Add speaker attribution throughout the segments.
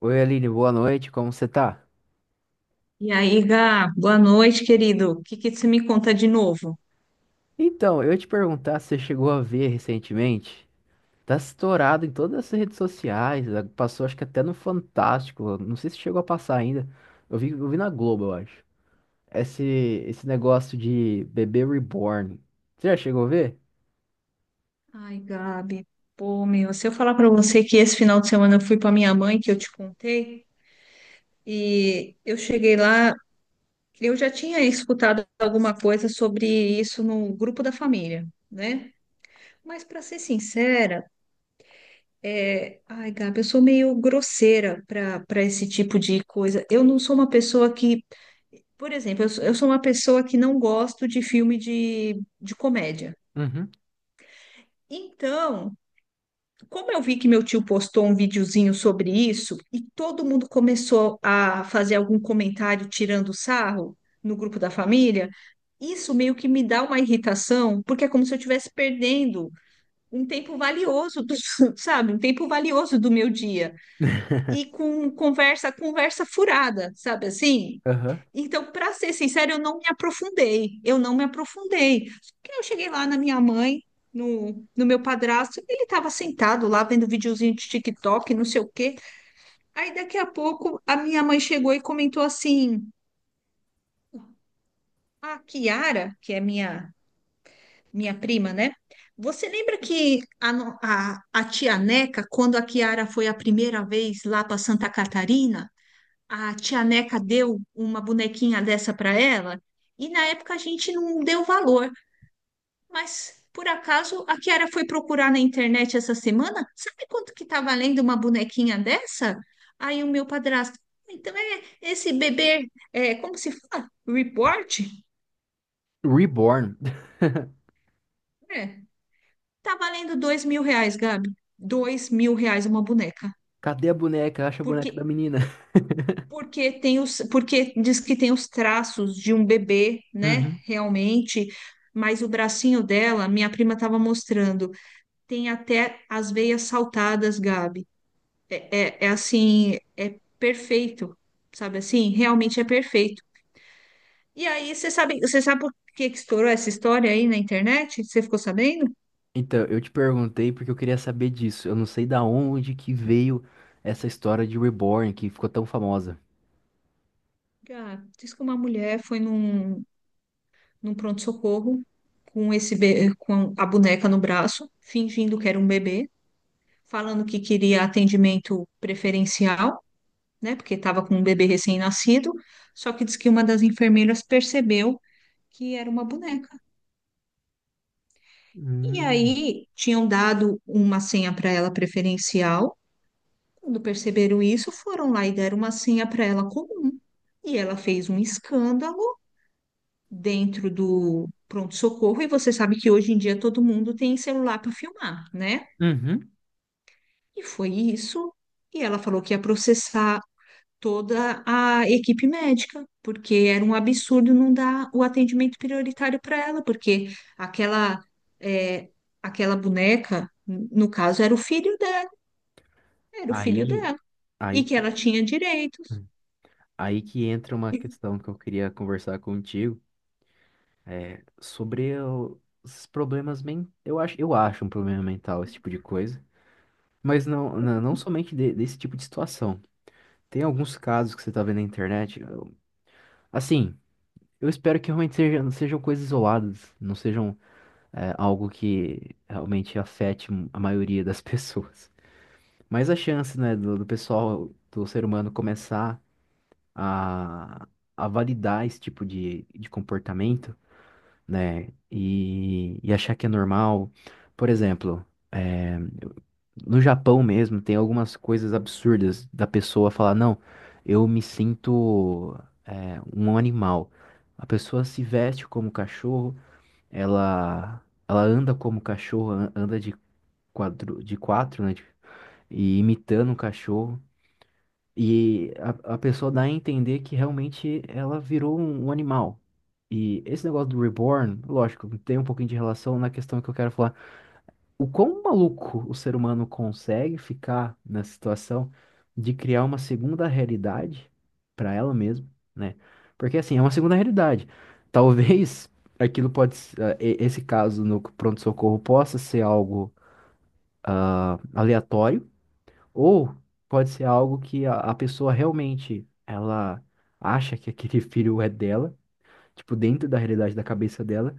Speaker 1: Oi, Aline, boa noite, como você tá?
Speaker 2: E aí, Gá, boa noite, querido. O que que você me conta de novo?
Speaker 1: Então, eu ia te perguntar se você chegou a ver recentemente. Tá estourado em todas as redes sociais, passou acho que até no Fantástico, não sei se chegou a passar ainda. Eu vi na Globo, eu acho. Esse, esse negócio de bebê reborn. Você já chegou a ver?
Speaker 2: Ai, Gabi, pô, meu, se eu falar pra você que esse final de semana eu fui pra minha mãe, que eu te contei, e eu cheguei lá, eu já tinha escutado alguma coisa sobre isso no grupo da família, né? Mas pra ser sincera, ai, Gabi, eu sou meio grosseira pra para esse tipo de coisa. Eu não sou uma pessoa que, por exemplo, eu sou uma pessoa que não gosto de filme de comédia.
Speaker 1: Uhum.
Speaker 2: Então, como eu vi que meu tio postou um videozinho sobre isso e todo mundo começou a fazer algum comentário tirando sarro no grupo da família, isso meio que me dá uma irritação, porque é como se eu estivesse perdendo um tempo valioso, sabe? Um tempo valioso do meu dia. E com conversa furada, sabe assim?
Speaker 1: Aham.
Speaker 2: Então, para ser sincero, eu não me aprofundei. Eu não me aprofundei. Só que eu cheguei lá na minha mãe, no meu padrasto, ele estava sentado lá vendo videozinho de TikTok, não sei o quê. Aí daqui a pouco a minha mãe chegou e comentou assim: "A Kiara, que é minha prima, né? Você lembra que a, no- a tia Neca, quando a Kiara foi a primeira vez lá para Santa Catarina, a tia Neca deu uma bonequinha dessa para ela? E na época a gente não deu valor. Mas por acaso a Kiara foi procurar na internet essa semana? Sabe quanto que tá valendo uma bonequinha dessa? Aí o meu padrasto, então é esse bebê, é, como se fala? Report?
Speaker 1: Reborn.
Speaker 2: É, tá valendo R$ 2.000, Gabi. R$ 2.000 uma boneca.
Speaker 1: Cadê a boneca? Acha a boneca da
Speaker 2: Porque,
Speaker 1: menina.
Speaker 2: porque porque diz que tem os traços de um bebê, né? Realmente. Mas o bracinho dela, minha prima estava mostrando, tem até as veias saltadas, Gabi. É, é assim, é perfeito, sabe assim? Realmente é perfeito. E aí, você sabe por que que estourou essa história aí na internet? Você ficou sabendo?
Speaker 1: Então, eu te perguntei porque eu queria saber disso. Eu não sei da onde que veio essa história de Reborn que ficou tão famosa.
Speaker 2: Ah, diz que uma mulher foi num pronto-socorro com com a boneca no braço, fingindo que era um bebê, falando que queria atendimento preferencial, né? Porque estava com um bebê recém-nascido. Só que diz que uma das enfermeiras percebeu que era uma boneca. E
Speaker 1: Hum.
Speaker 2: aí tinham dado uma senha para ela preferencial. Quando perceberam isso, foram lá e deram uma senha para ela comum. E ela fez um escândalo dentro do pronto-socorro. E você sabe que hoje em dia todo mundo tem celular para filmar, né?
Speaker 1: Uhum.
Speaker 2: E foi isso. E ela falou que ia processar toda a equipe médica, porque era um absurdo não dar o atendimento prioritário para ela, porque aquela, é, aquela boneca, no caso, era o filho dela. Era o filho
Speaker 1: Aí,
Speaker 2: dela. E
Speaker 1: aí,
Speaker 2: que ela tinha direitos.
Speaker 1: aí que entra uma questão que eu queria conversar contigo, sobre os problemas men... eu acho um problema mental esse tipo de coisa, mas não somente desse tipo de situação. Tem alguns casos que você tá vendo na internet, assim, eu espero que realmente sejam coisas isoladas, não sejam algo que realmente afete a maioria das pessoas. Mas a chance, né, do pessoal, do ser humano começar a, a validar esse tipo de comportamento, né, e achar que é normal. Por exemplo, é, no Japão mesmo, tem algumas coisas absurdas da pessoa falar, não, eu me sinto um animal. A pessoa se veste como cachorro, ela, ela anda como cachorro, anda de de quatro, né? E imitando um cachorro. E a pessoa dá a entender que realmente ela virou um animal. E esse negócio do reborn, lógico, tem um pouquinho de relação na questão que eu quero falar. O quão maluco o ser humano consegue ficar na situação de criar uma segunda realidade para ela mesma, né? Porque assim, é uma segunda realidade. Talvez aquilo pode, esse caso no pronto-socorro possa ser algo aleatório ou pode ser algo que a pessoa realmente ela acha que aquele filho é dela, tipo, dentro da realidade da cabeça dela,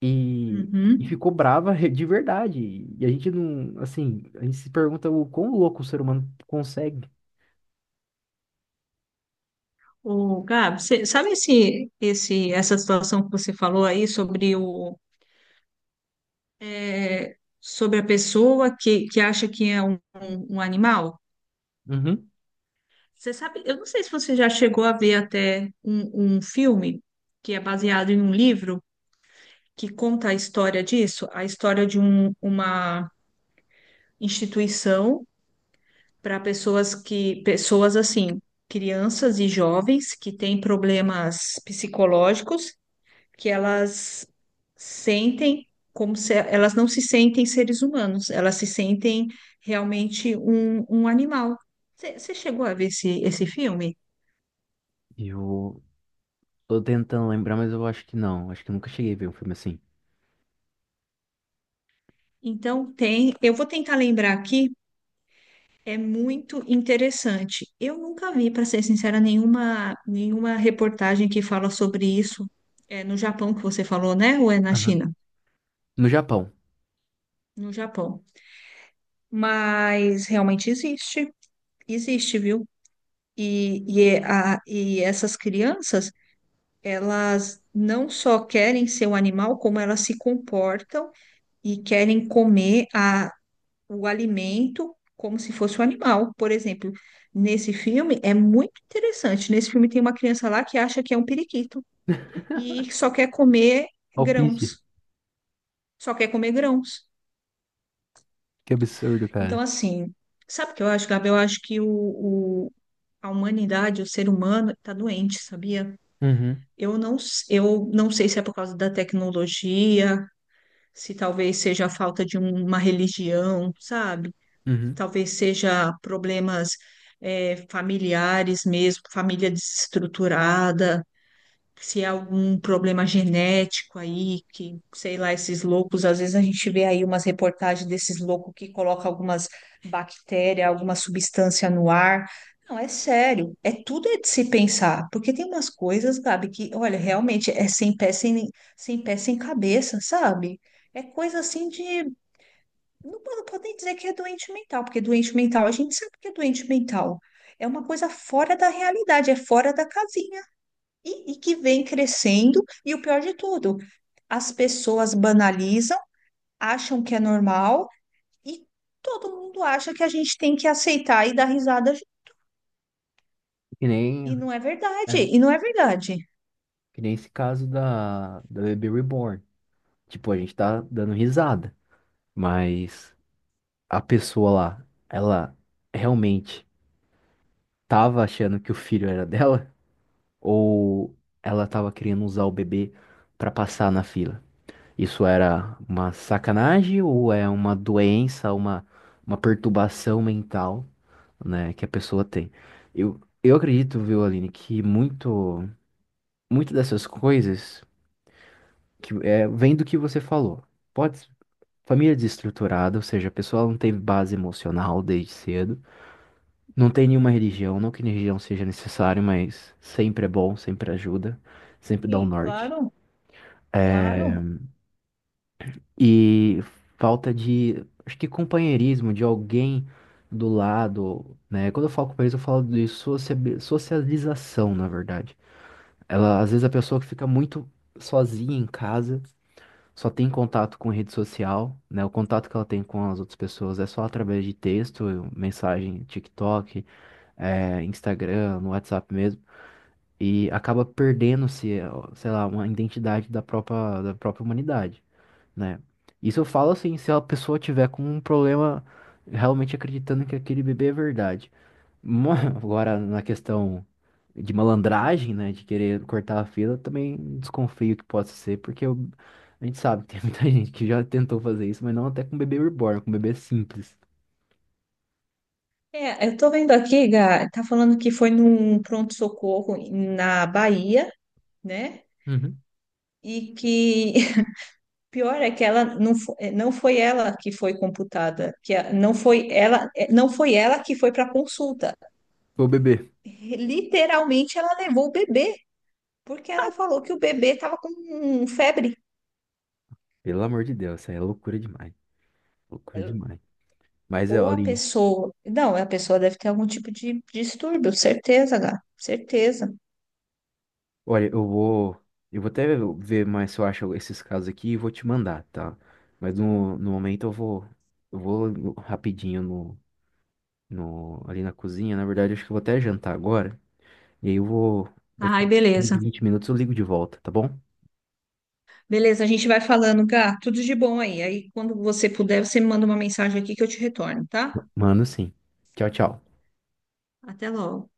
Speaker 1: e, e
Speaker 2: Uhum.
Speaker 1: ficou brava de verdade. E a gente não, assim, a gente se pergunta o quão louco o ser humano consegue.
Speaker 2: O Gabi, você sabe essa situação que você falou aí sobre sobre a pessoa que acha que é um animal?
Speaker 1: Uhum.
Speaker 2: Você sabe, eu não sei se você já chegou a ver até um filme que é baseado em um livro que conta a história disso, a história de uma instituição para pessoas que, pessoas assim, crianças e jovens que têm problemas psicológicos, que elas sentem como se elas não se sentem seres humanos, elas se sentem realmente um animal. Você chegou a ver esse filme?
Speaker 1: Eu tô tentando lembrar, mas eu acho que não. Acho que eu nunca cheguei a ver um filme assim.
Speaker 2: Então tem, eu vou tentar lembrar aqui, é muito interessante. Eu nunca vi, para ser sincera, nenhuma reportagem que fala sobre isso. É no Japão que você falou, né? Ou é na
Speaker 1: Aham.
Speaker 2: China?
Speaker 1: No Japão. Yep.
Speaker 2: No Japão. Mas realmente existe, existe, viu? E essas crianças, elas não só querem ser um animal, como elas se comportam e querem comer o alimento como se fosse um animal. Por exemplo, nesse filme é muito interessante. Nesse filme tem uma criança lá que acha que é um periquito e só quer comer
Speaker 1: Alpiste.
Speaker 2: grãos, só quer comer grãos.
Speaker 1: Que absurdo,
Speaker 2: Então,
Speaker 1: cara.
Speaker 2: assim, sabe o que eu acho, Gabi? Eu acho que a humanidade, o ser humano, está doente, sabia?
Speaker 1: Uhum.
Speaker 2: Eu não sei se é por causa da tecnologia, se talvez seja a falta de uma religião, sabe?
Speaker 1: Uhum.
Speaker 2: Talvez seja problemas, familiares mesmo, família desestruturada, se é algum problema genético aí, que, sei lá, esses loucos, às vezes a gente vê aí umas reportagens desses loucos que colocam algumas bactérias, alguma substância no ar. Não, é sério, é tudo é de se pensar, porque tem umas coisas, Gabi, que, olha, realmente é sem pé, sem cabeça, sabe? É coisa assim de, não, não podem dizer que é doente mental, porque doente mental, a gente sabe que é doente mental. É uma coisa fora da realidade, é fora da casinha e que vem crescendo. E o pior de tudo, as pessoas banalizam, acham que é normal e todo mundo acha que a gente tem que aceitar e dar risada.
Speaker 1: Que nem,
Speaker 2: E não é verdade,
Speaker 1: é,
Speaker 2: e não é verdade.
Speaker 1: que nem esse caso da, da Baby Reborn. Tipo, a gente tá dando risada, mas a pessoa lá, ela realmente tava achando que o filho era dela ou ela tava querendo usar o bebê pra passar na fila? Isso era uma sacanagem ou é uma doença, uma perturbação mental, né, que a pessoa tem? Eu acredito, viu, Aline, que muito, muito dessas coisas vem do que você falou. Pode, família desestruturada, ou seja, a pessoa não teve base emocional desde cedo. Não tem nenhuma religião, não que religião seja necessário, mas sempre é bom, sempre ajuda, sempre dá um
Speaker 2: Sim,
Speaker 1: norte.
Speaker 2: claro, claro.
Speaker 1: E falta de, acho que companheirismo, de alguém do lado, né? Quando eu falo companheirismo, eu falo de socialização, na verdade. Ela, às vezes a pessoa que fica muito sozinha em casa só tem contato com rede social, né? O contato que ela tem com as outras pessoas é só através de texto, mensagem, TikTok, Instagram, no WhatsApp mesmo, e acaba perdendo-se, sei lá, uma identidade da própria humanidade, né? Isso eu falo assim, se a pessoa tiver com um problema realmente acreditando que aquele bebê é verdade. Agora, na questão de malandragem, né, de querer cortar a fila, eu também desconfio que possa ser, a gente sabe que tem muita gente que já tentou fazer isso, mas não até com bebê reborn, com bebê simples.
Speaker 2: É, eu tô vendo aqui, Gá, tá falando que foi num pronto-socorro na Bahia, né?
Speaker 1: Uhum.
Speaker 2: E que o pior é que ela não foi, não foi ela que foi computada, não foi ela, não foi ela que foi para consulta.
Speaker 1: Ô, bebê,
Speaker 2: Literalmente, ela levou o bebê, porque ela falou que o bebê estava com febre.
Speaker 1: pelo amor de Deus, isso aí é loucura demais, loucura demais. Mas,
Speaker 2: Ou a
Speaker 1: Aline,
Speaker 2: pessoa. Não, a pessoa deve ter algum tipo de distúrbio, certeza, Gá, certeza.
Speaker 1: olha, eu vou até ver mais se eu acho esses casos aqui e vou te mandar, tá? Mas no momento eu vou rapidinho no, no, ali na cozinha, na verdade, acho que eu vou até jantar agora. E aí daqui a
Speaker 2: Ai,
Speaker 1: 15,
Speaker 2: beleza.
Speaker 1: 20 minutos eu ligo de volta, tá bom?
Speaker 2: Beleza, a gente vai falando, Gá. Tudo de bom aí. Aí, quando você puder, você me manda uma mensagem aqui que eu te retorno, tá?
Speaker 1: Mano, sim. Tchau, tchau.
Speaker 2: Até logo.